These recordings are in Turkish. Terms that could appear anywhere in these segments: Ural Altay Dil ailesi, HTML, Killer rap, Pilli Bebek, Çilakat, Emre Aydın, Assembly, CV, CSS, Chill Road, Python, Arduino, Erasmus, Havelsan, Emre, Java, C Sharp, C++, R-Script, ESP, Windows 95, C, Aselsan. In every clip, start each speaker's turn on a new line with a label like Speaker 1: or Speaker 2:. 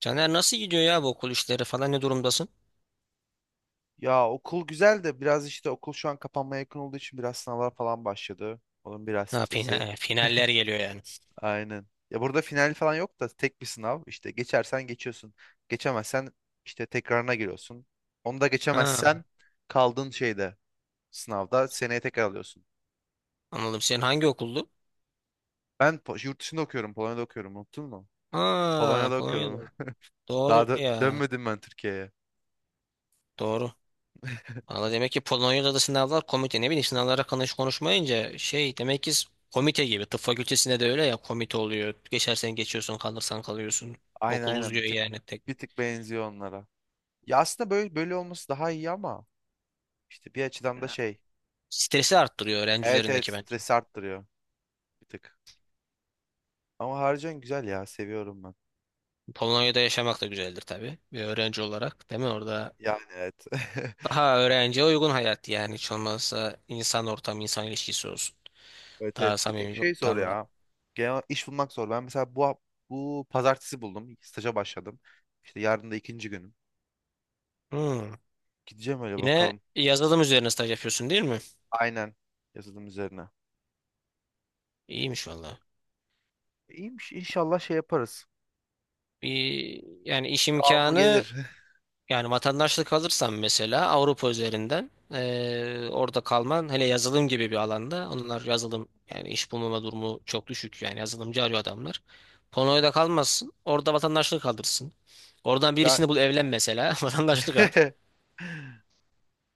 Speaker 1: Caner nasıl gidiyor ya bu okul işleri falan ne durumdasın?
Speaker 2: Ya okul güzel de biraz işte okul şu an kapanmaya yakın olduğu için biraz sınavlar falan başladı. Onun biraz
Speaker 1: Ha,
Speaker 2: stresi.
Speaker 1: finaller geliyor yani.
Speaker 2: Aynen. Ya burada final falan yok da tek bir sınav. İşte geçersen geçiyorsun. Geçemezsen işte tekrarına giriyorsun. Onu da
Speaker 1: Ha,
Speaker 2: geçemezsen kaldığın şeyde sınavda seneye tekrar alıyorsun.
Speaker 1: anladım. Senin hangi okuldu?
Speaker 2: Ben yurt dışında okuyorum. Polonya'da okuyorum. Unuttun mu?
Speaker 1: Ha,
Speaker 2: Polonya'da
Speaker 1: Polonya'da.
Speaker 2: okuyordum. Daha
Speaker 1: Doğru
Speaker 2: da
Speaker 1: ya.
Speaker 2: dönmedim ben Türkiye'ye.
Speaker 1: Doğru. Valla demek ki Polonya'da da sınavlar komite. Ne bileyim sınavlara konuşmayınca şey demek ki komite gibi. Tıp fakültesinde de öyle ya komite oluyor. Geçersen geçiyorsun, kalırsan kalıyorsun.
Speaker 2: Aynen
Speaker 1: Okul
Speaker 2: aynen bir
Speaker 1: uzuyor
Speaker 2: tık
Speaker 1: yani tek.
Speaker 2: bir tık benziyor onlara. Ya aslında böyle böyle olması daha iyi ama işte bir açıdan da şey.
Speaker 1: Stresi arttırıyor öğrenci
Speaker 2: Evet evet
Speaker 1: üzerindeki bence.
Speaker 2: stres arttırıyor bir tık. Ama harcan güzel ya seviyorum ben.
Speaker 1: Polonya'da yaşamak da güzeldir tabii. Bir öğrenci olarak değil mi? Orada.
Speaker 2: Yani evet.
Speaker 1: Daha öğrenciye uygun hayat yani, hiç olmazsa insan ortamı, insan ilişkisi olsun.
Speaker 2: Evet
Speaker 1: Daha
Speaker 2: evet bir tek
Speaker 1: samimi bir
Speaker 2: şey zor
Speaker 1: ortam var.
Speaker 2: ya. Genel iş bulmak zor. Ben mesela bu pazartesi buldum. Staja başladım. İşte yarın da ikinci günüm.
Speaker 1: Hmm.
Speaker 2: Gideceğim öyle
Speaker 1: Yine
Speaker 2: bakalım.
Speaker 1: yazılım üzerine staj yapıyorsun değil mi?
Speaker 2: Aynen yazılım üzerine.
Speaker 1: İyiymiş valla.
Speaker 2: İyiymiş inşallah şey yaparız.
Speaker 1: Bir, yani iş
Speaker 2: Devamlı
Speaker 1: imkanı.
Speaker 2: gelir.
Speaker 1: Yani vatandaşlık alırsan mesela Avrupa üzerinden, orada kalman, hele yazılım gibi bir alanda, onlar yazılım yani iş bulmama durumu çok düşük yani, yazılımcı arıyor adamlar. Polonya'da kalmazsın, orada vatandaşlık alırsın. Oradan
Speaker 2: Ya
Speaker 1: birisini bul evlen mesela, vatandaşlık al.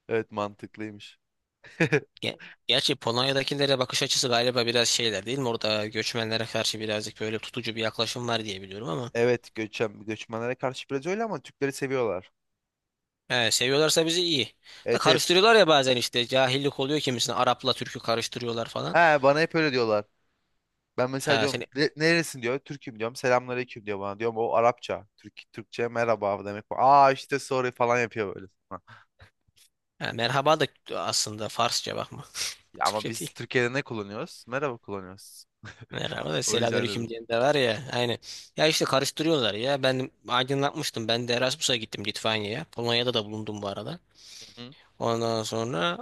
Speaker 2: evet mantıklıymış.
Speaker 1: Ge- Gerçi Polonya'dakilere bakış açısı galiba biraz şeyler, değil mi? Orada göçmenlere karşı birazcık böyle tutucu bir yaklaşım var diye biliyorum ama.
Speaker 2: Evet göçmenlere karşı biraz öyle ama Türkleri seviyorlar.
Speaker 1: He, seviyorlarsa bizi iyi. Da
Speaker 2: Evet evet.
Speaker 1: karıştırıyorlar ya bazen, işte cahillik oluyor, kimisine Arap'la Türk'ü karıştırıyorlar falan.
Speaker 2: He bana hep öyle diyorlar. Ben mesela
Speaker 1: Ha,
Speaker 2: diyorum Neresin diyor. Türk'üm diyorum. Selamünaleyküm diyor bana. Diyorum o Arapça. Türk, Türkçe merhaba demek bu. Aa işte sorry falan yapıyor böyle.
Speaker 1: merhaba da aslında Farsça, bakma.
Speaker 2: Ya ama
Speaker 1: Türkçe
Speaker 2: biz
Speaker 1: değil.
Speaker 2: Türkiye'de ne kullanıyoruz? Merhaba kullanıyoruz.
Speaker 1: Merhaba da
Speaker 2: O yüzden dedim.
Speaker 1: selamünaleyküm diyen de var ya. Aynen. Ya işte karıştırıyorlar ya. Ben aydınlatmıştım. Ben de Erasmus'a gittim Litvanya'ya. Polonya'da da bulundum bu arada.
Speaker 2: Hı hı.
Speaker 1: Ondan sonra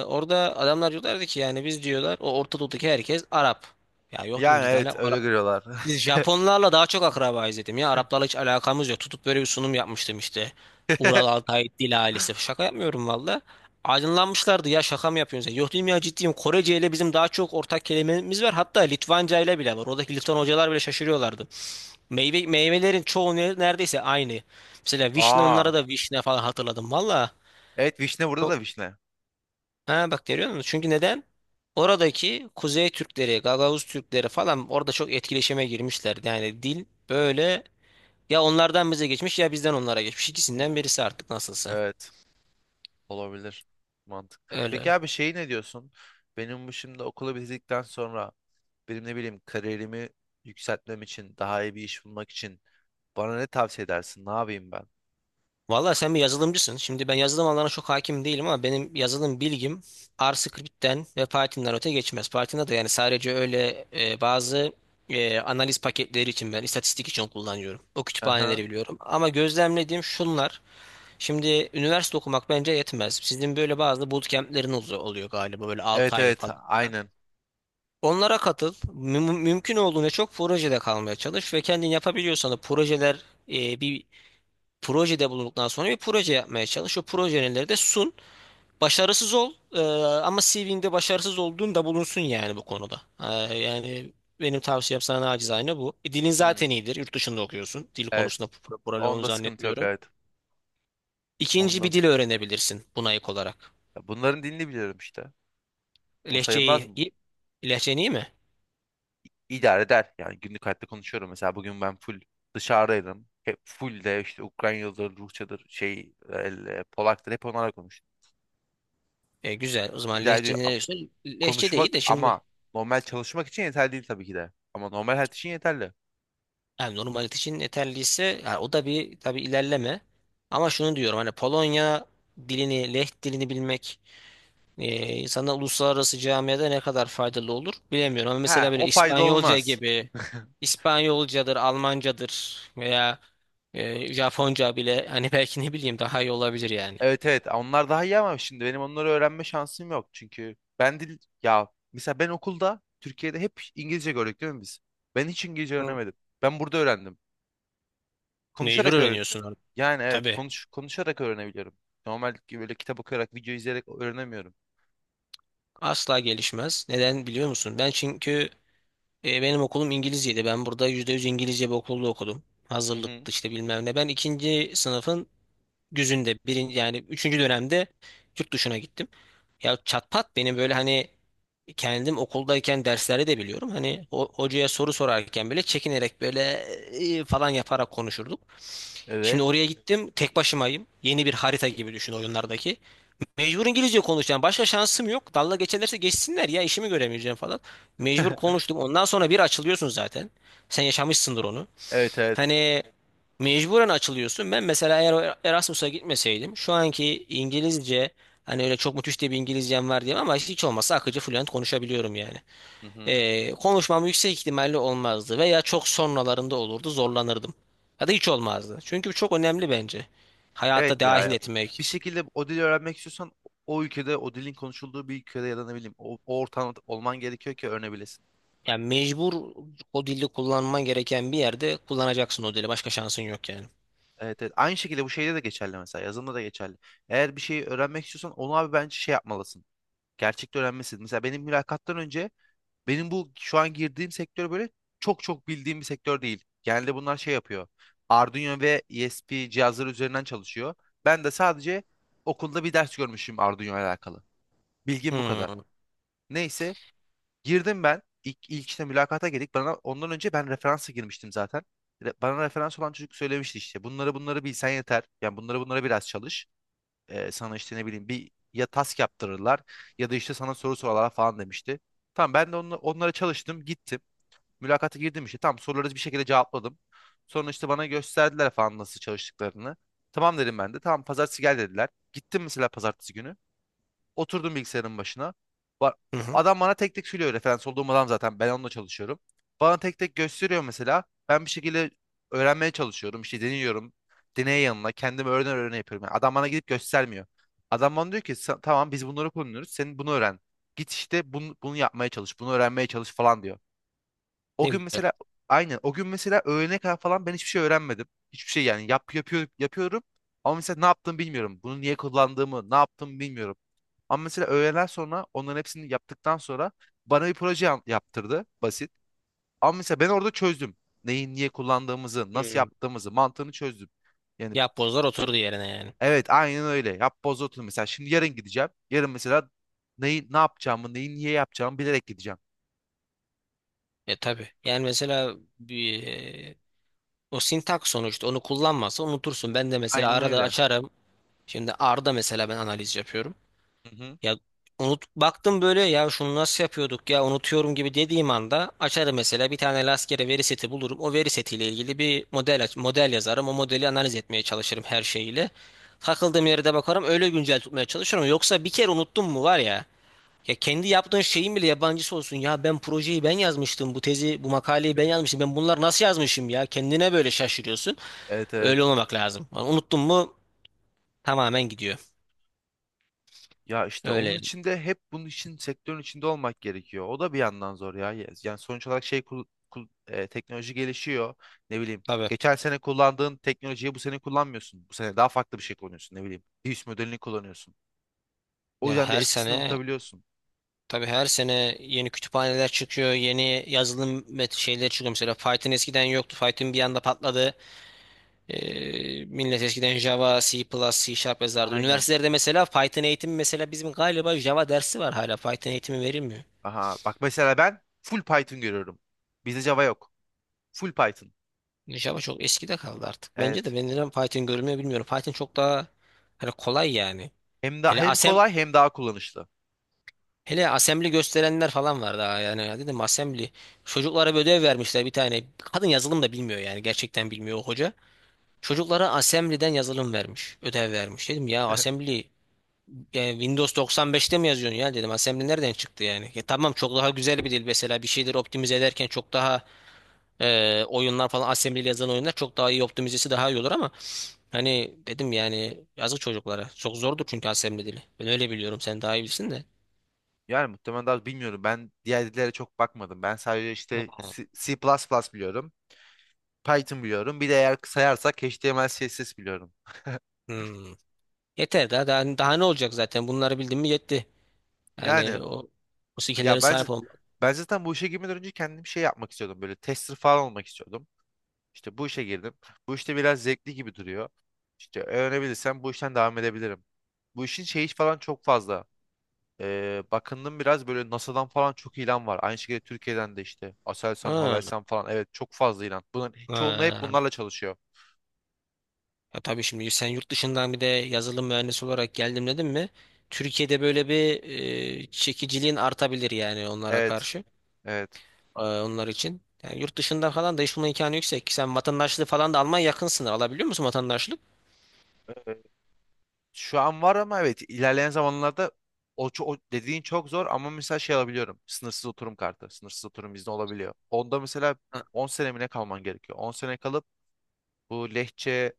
Speaker 1: orada adamlar diyorlardı ki, yani biz diyorlar, o Orta Doğu'daki herkes Arap. Ya yok dedim,
Speaker 2: Yani
Speaker 1: biz ne
Speaker 2: evet öyle
Speaker 1: ala-
Speaker 2: görüyorlar.
Speaker 1: Biz Japonlarla daha çok akrabayız dedim ya. Araplarla hiç alakamız yok. Tutup böyle bir sunum yapmıştım işte. Ural Altay Dil ailesi. Şaka yapmıyorum valla. Aydınlanmışlardı, ya şaka mı yapıyorsunuz? Yok dedim ya, ciddiyim. Korece ile bizim daha çok ortak kelimemiz var. Hatta Litvanca ile bile var. Oradaki Litvan hocalar bile şaşırıyorlardı. Meyvelerin çoğu neredeyse aynı. Mesela vişne,
Speaker 2: Aa.
Speaker 1: onlara da vişne falan, hatırladım valla.
Speaker 2: Evet vişne burada da vişne.
Speaker 1: Ha, bak görüyor musun? Çünkü neden? Oradaki Kuzey Türkleri, Gagavuz Türkleri falan, orada çok etkileşime girmişler. Yani dil böyle, ya onlardan bize geçmiş ya bizden onlara geçmiş. İkisinden
Speaker 2: Hmm,
Speaker 1: birisi artık, nasılsa.
Speaker 2: evet. Olabilir. Mantık. Peki
Speaker 1: Öyle.
Speaker 2: abi şey ne diyorsun? Benim bu şimdi okulu bitirdikten sonra benim ne bileyim kariyerimi yükseltmem için daha iyi bir iş bulmak için bana ne tavsiye edersin? Ne yapayım ben?
Speaker 1: Valla sen bir yazılımcısın. Şimdi ben yazılım alanına çok hakim değilim ama benim yazılım bilgim R-Script'ten ve Python'dan öte geçmez. Python'da da yani sadece öyle bazı analiz paketleri için, ben istatistik için kullanıyorum. O
Speaker 2: Aha.
Speaker 1: kütüphaneleri biliyorum. Ama gözlemlediğim şunlar. Şimdi üniversite okumak bence yetmez. Sizin böyle bazı bootcamp'lerin oluyor galiba, böyle 6
Speaker 2: Evet
Speaker 1: aylık
Speaker 2: evet
Speaker 1: falan.
Speaker 2: aynen.
Speaker 1: Onlara katıl. Mümkün olduğunca çok projede kalmaya çalış, ve kendin yapabiliyorsan da projeler, bir projede bulunduktan sonra bir proje yapmaya çalış. O projeleri de sun. Başarısız ol, ama CV'nde başarısız olduğun da bulunsun yani, bu konuda. Yani benim tavsiyem sana acizane bu. Dilin zaten
Speaker 2: Hmm,
Speaker 1: iyidir. Yurt dışında okuyorsun. Dil
Speaker 2: evet.
Speaker 1: konusunda problem olduğunu
Speaker 2: Onda sıkıntı yok
Speaker 1: zannetmiyorum.
Speaker 2: evet.
Speaker 1: İkinci
Speaker 2: Onda.
Speaker 1: bir dil öğrenebilirsin buna ek olarak.
Speaker 2: Ya bunların dilini biliyorum işte. O sayılmaz
Speaker 1: Lehçeyi
Speaker 2: mı?
Speaker 1: iyi. Lehçen iyi mi?
Speaker 2: İdare eder. Yani günlük hayatta konuşuyorum. Mesela bugün ben full dışarıdaydım. Hep full de işte Ukraynalıdır, Rusçadır, şey, Polak'tır. Hep onlarla konuştum.
Speaker 1: Güzel. O zaman
Speaker 2: İdare
Speaker 1: Lehçe
Speaker 2: ediyor.
Speaker 1: ne diyorsun? Lehçe de iyi
Speaker 2: Konuşmak
Speaker 1: de
Speaker 2: ama
Speaker 1: şimdi.
Speaker 2: normal çalışmak için yeterli değil tabii ki de. Ama normal hayat için yeterli.
Speaker 1: Yani normal için yeterliyse, yani o da bir tabii ilerleme. Ama şunu diyorum, hani Polonya dilini, Leh dilini bilmek insana uluslararası camiada ne kadar faydalı olur bilemiyorum. Ama mesela
Speaker 2: Ha,
Speaker 1: böyle
Speaker 2: o faydalı
Speaker 1: İspanyolca
Speaker 2: olmaz.
Speaker 1: gibi, İspanyolcadır, Almancadır veya Japonca bile hani, belki ne bileyim, daha iyi olabilir yani.
Speaker 2: Evet evet onlar daha iyi ama şimdi benim onları öğrenme şansım yok. Çünkü ben dil ya mesela ben okulda Türkiye'de hep İngilizce gördük değil mi biz? Ben hiç İngilizce
Speaker 1: Hı.
Speaker 2: öğrenemedim. Ben burada öğrendim.
Speaker 1: Mecbur
Speaker 2: Konuşarak öğren.
Speaker 1: öğreniyorsun orada.
Speaker 2: Yani evet
Speaker 1: Tabii.
Speaker 2: konuşarak öğrenebiliyorum. Normal ki böyle kitap okuyarak video izleyerek öğrenemiyorum.
Speaker 1: Asla gelişmez. Neden biliyor musun? Ben çünkü, benim okulum İngilizceydi. Ben burada %100 İngilizce bir okulda okudum.
Speaker 2: Hı hı.
Speaker 1: Hazırlıktı işte bilmem ne. Ben ikinci sınıfın güzünde, yani üçüncü dönemde yurt dışına gittim. Ya çatpat benim böyle, hani kendim okuldayken derslerde de biliyorum. Hani o, hocaya soru sorarken bile çekinerek böyle falan yaparak konuşurduk.
Speaker 2: Evet.
Speaker 1: Şimdi oraya gittim. Tek başımayım. Yeni bir harita gibi düşün, oyunlardaki. Mecbur İngilizce konuşacağım. Başka şansım yok. Dalga geçerlerse geçsinler ya, işimi göremeyeceğim falan. Mecbur konuştum. Ondan sonra bir açılıyorsun zaten. Sen yaşamışsındır onu.
Speaker 2: Evet evet.
Speaker 1: Hani mecburen açılıyorsun. Ben mesela eğer o Erasmus'a gitmeseydim şu anki İngilizce, hani öyle çok müthiş de bir İngilizcem var diyeyim, ama hiç olmazsa akıcı, fluent konuşabiliyorum yani.
Speaker 2: Hı hı.
Speaker 1: Konuşmam yüksek ihtimalle olmazdı veya çok sonralarında olurdu, zorlanırdım. Ya da hiç olmazdı. Çünkü bu çok önemli bence.
Speaker 2: Evet
Speaker 1: Hayatta
Speaker 2: ya,
Speaker 1: dahil
Speaker 2: ya bir
Speaker 1: etmek.
Speaker 2: şekilde o dili öğrenmek istiyorsan o ülkede o dilin konuşulduğu bir ülkede ya da ne bileyim o ortamda olman gerekiyor ki öğrenebilesin.
Speaker 1: Yani mecbur o dili kullanman gereken bir yerde kullanacaksın o dili. Başka şansın yok yani.
Speaker 2: Evet, evet. Aynı şekilde bu şeyde de geçerli mesela. Yazılımda da geçerli. Eğer bir şeyi öğrenmek istiyorsan onu abi bence şey yapmalısın. Gerçekte öğrenmelisin. Mesela benim mülakattan önce benim bu şu an girdiğim sektör böyle çok çok bildiğim bir sektör değil. Genelde bunlar şey yapıyor. Arduino ve ESP cihazları üzerinden çalışıyor. Ben de sadece okulda bir ders görmüşüm Arduino ile alakalı. Bilgim bu kadar.
Speaker 1: Hmm.
Speaker 2: Neyse. Girdim ben. İlk işte mülakata girdik. Bana ondan önce ben referansa girmiştim zaten. Bana referans olan çocuk söylemişti işte. Bunları bunları bilsen yeter. Yani bunları bunları biraz çalış. Sana işte ne bileyim bir ya task yaptırırlar ya da işte sana soru sorarlar falan demişti. Tamam ben de onlara çalıştım gittim. Mülakata girdim işte. Tamam soruları bir şekilde cevapladım. Sonra işte bana gösterdiler falan nasıl çalıştıklarını. Tamam dedim ben de. Tamam pazartesi gel dediler. Gittim mesela pazartesi günü. Oturdum bilgisayarın başına. Ba-
Speaker 1: Hı hı.
Speaker 2: Adam bana tek tek söylüyor referans olduğum adam zaten ben onunla çalışıyorum. Bana tek tek gösteriyor mesela. Ben bir şekilde öğrenmeye çalışıyorum. İşte deniyorum. Deney yanına kendimi öğrene öğrene yapıyorum. Yani adam bana gidip göstermiyor. Adam bana diyor ki tamam biz bunları kullanıyoruz. Senin bunu öğren. Git işte bunu yapmaya çalış. Bunu öğrenmeye çalış falan diyor. O
Speaker 1: Ne
Speaker 2: gün
Speaker 1: güzel.
Speaker 2: mesela aynen o gün mesela öğlene kadar falan ben hiçbir şey öğrenmedim. Hiçbir şey yani yapıyorum ama mesela ne yaptığımı bilmiyorum. Bunu niye kullandığımı ne yaptığımı bilmiyorum. Ama mesela öğleden sonra onların hepsini yaptıktan sonra bana bir proje yaptırdı basit. Ama mesela ben orada çözdüm. Neyi niye kullandığımızı, nasıl
Speaker 1: Hmm.
Speaker 2: yaptığımızı, mantığını çözdüm. Yani
Speaker 1: Yapbozlar oturdu yerine yani.
Speaker 2: evet aynen öyle. Yap boz otur mesela. Şimdi yarın gideceğim. Yarın mesela neyi ne yapacağımı, neyi niye yapacağımı bilerek gideceğim.
Speaker 1: Tabii. Yani mesela bir, o sintak, sonuçta onu kullanmazsa unutursun. Ben de mesela
Speaker 2: Aynen
Speaker 1: arada
Speaker 2: öyle.
Speaker 1: açarım. Şimdi R'da mesela ben analiz yapıyorum.
Speaker 2: Hı hı.
Speaker 1: Ya unut baktım böyle, ya şunu nasıl yapıyorduk ya, unutuyorum gibi dediğim anda açarım mesela, bir tane rastgele veri seti bulurum. O veri setiyle ilgili bir model model yazarım. O modeli analiz etmeye çalışırım her şeyiyle. Takıldığım yere de bakarım, öyle güncel tutmaya çalışırım. Yoksa bir kere unuttum mu, var ya, ya kendi yaptığın şeyin bile yabancısı olsun. Ya ben projeyi, ben yazmıştım. Bu tezi, bu makaleyi ben yazmıştım. Ben bunları nasıl yazmışım ya? Kendine böyle şaşırıyorsun.
Speaker 2: Evet
Speaker 1: Öyle
Speaker 2: evet.
Speaker 1: olmamak lazım. Yani unuttun mu tamamen gidiyor.
Speaker 2: Ya işte onun
Speaker 1: Öyle.
Speaker 2: için de hep bunun için sektörün içinde olmak gerekiyor. O da bir yandan zor ya. Yani sonuç olarak şey teknoloji gelişiyor. Ne bileyim.
Speaker 1: Tabii.
Speaker 2: Geçen sene kullandığın teknolojiyi bu sene kullanmıyorsun. Bu sene daha farklı bir şey kullanıyorsun. Ne bileyim. Bir üst modelini kullanıyorsun. O
Speaker 1: Ya
Speaker 2: yüzden de
Speaker 1: her
Speaker 2: eskisini
Speaker 1: sene
Speaker 2: unutabiliyorsun.
Speaker 1: Tabii her sene yeni kütüphaneler çıkıyor, yeni yazılım met şeyleri çıkıyor. Mesela Python eskiden yoktu. Python bir anda patladı. Millet eskiden Java, C++, C Sharp yazardı.
Speaker 2: Aynen.
Speaker 1: Üniversitelerde mesela Python eğitimi, mesela bizim galiba Java dersi var hala. Python eğitimi verilmiyor.
Speaker 2: Aha. Bak mesela ben full Python görüyorum. Bizde Java yok. Full Python.
Speaker 1: Java çok eskide kaldı artık. Bence
Speaker 2: Evet.
Speaker 1: de, ben neden Python görülmüyor bilmiyorum. Python çok daha hani kolay yani.
Speaker 2: Hem da
Speaker 1: Hele
Speaker 2: hem
Speaker 1: asem
Speaker 2: kolay hem daha kullanışlı.
Speaker 1: Hele assembly gösterenler falan var daha yani. Ya dedim, assembly. Çocuklara bir ödev vermişler bir tane. Kadın yazılım da bilmiyor yani, gerçekten bilmiyor o hoca. Çocuklara Assembly'den yazılım vermiş. Ödev vermiş. Dedim ya, Assembly Windows 95'te mi yazıyorsun ya, dedim. Assembly nereden çıktı yani? Ya tamam, çok daha güzel bir dil mesela. Bir şeyleri optimize ederken çok daha, oyunlar falan, Assembly ile yazılan oyunlar çok daha iyi, optimizesi daha iyi olur ama hani dedim, yani yazık çocuklara. Çok zordur çünkü Assembly dili. Ben öyle biliyorum. Sen daha iyi bilsin de.
Speaker 2: Yani muhtemelen daha bilmiyorum. Ben diğer dillere çok bakmadım. Ben sadece işte C, C++ biliyorum. Python biliyorum. Bir de eğer sayarsak HTML, CSS biliyorum.
Speaker 1: Hmm. Yeter daha, daha, daha ne olacak, zaten bunları bildim mi yetti.
Speaker 2: Yani.
Speaker 1: Yani o skill'lere
Speaker 2: Ya bence
Speaker 1: sahip olmak.
Speaker 2: ben zaten bu işe girmeden önce kendim şey yapmak istiyordum. Böyle tester falan olmak istiyordum. İşte bu işe girdim. Bu işte biraz zevkli gibi duruyor. İşte öğrenebilirsem bu işten devam edebilirim. Bu işin şeyi falan çok fazla. Bakındım biraz böyle NASA'dan falan çok ilan var. Aynı şekilde Türkiye'den de işte Aselsan,
Speaker 1: Ha.
Speaker 2: Havelsan falan. Evet çok fazla ilan. Bunların çoğunluğu hep
Speaker 1: Ha.
Speaker 2: bunlarla çalışıyor.
Speaker 1: Ya tabii, şimdi sen yurt dışından bir de yazılım mühendisi olarak geldim dedim mi? Türkiye'de böyle bir çekiciliğin artabilir yani, onlara
Speaker 2: Evet.
Speaker 1: karşı,
Speaker 2: Evet.
Speaker 1: onlar için. Yani yurt dışında falan da iş bulma imkanı yüksek. Sen vatandaşlığı falan da almaya yakın sınır. Alabiliyor musun vatandaşlık?
Speaker 2: Şu an var ama evet ilerleyen zamanlarda o dediğin çok zor ama mesela şey alabiliyorum. Sınırsız oturum kartı. Sınırsız oturum izni olabiliyor. Onda mesela
Speaker 1: Ha,
Speaker 2: 10 sene mi ne kalman gerekiyor? 10 sene kalıp bu Lehçe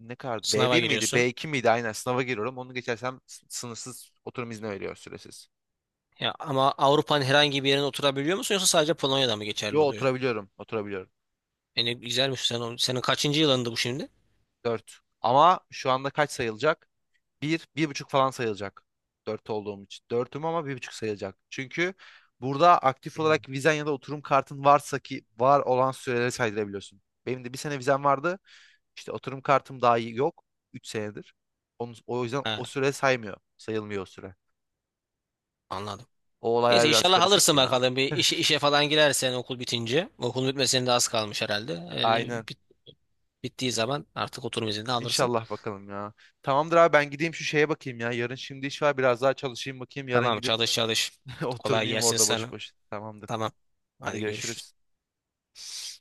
Speaker 2: ne kadardı?
Speaker 1: sınava
Speaker 2: B1 miydi?
Speaker 1: giriyorsun.
Speaker 2: B2 miydi? Aynen sınava giriyorum. Onu geçersem sınırsız oturum izni veriyor süresiz.
Speaker 1: Ya ama Avrupa'nın herhangi bir yerine oturabiliyor musun, yoksa sadece Polonya'da mı geçerli
Speaker 2: Yo
Speaker 1: oluyor?
Speaker 2: oturabiliyorum. Oturabiliyorum.
Speaker 1: Yani güzelmiş, senin kaçıncı yılındı bu şimdi?
Speaker 2: 4. Ama şu anda kaç sayılacak? Bir, bir buçuk falan sayılacak. Dört olduğum için. Dörtüm ama bir buçuk sayılacak. Çünkü burada aktif olarak vizen ya da oturum kartın varsa ki var olan süreleri saydırabiliyorsun. Benim de bir sene vizem vardı. İşte oturum kartım daha iyi yok. 3 senedir. Onun, o yüzden
Speaker 1: Ha,
Speaker 2: o süre saymıyor. Sayılmıyor o süre.
Speaker 1: anladım.
Speaker 2: O olaylar
Speaker 1: Neyse,
Speaker 2: biraz
Speaker 1: inşallah
Speaker 2: karışık
Speaker 1: alırsın
Speaker 2: ya.
Speaker 1: bakalım, bir işe falan girersen okul bitince. Okul bitmesine de az kalmış herhalde. Öyle.
Speaker 2: Aynen.
Speaker 1: Bittiği zaman artık oturum izni de alırsın.
Speaker 2: İnşallah bakalım ya. Tamamdır abi ben gideyim şu şeye bakayım ya. Yarın şimdi iş var biraz daha çalışayım bakayım. Yarın
Speaker 1: Tamam,
Speaker 2: gidip
Speaker 1: çalış çalış. Kolay
Speaker 2: oturmayayım
Speaker 1: gelsin
Speaker 2: orada boş
Speaker 1: sana.
Speaker 2: boş. Tamamdır.
Speaker 1: Tamam.
Speaker 2: Hadi
Speaker 1: Hadi görüşürüz.
Speaker 2: görüşürüz.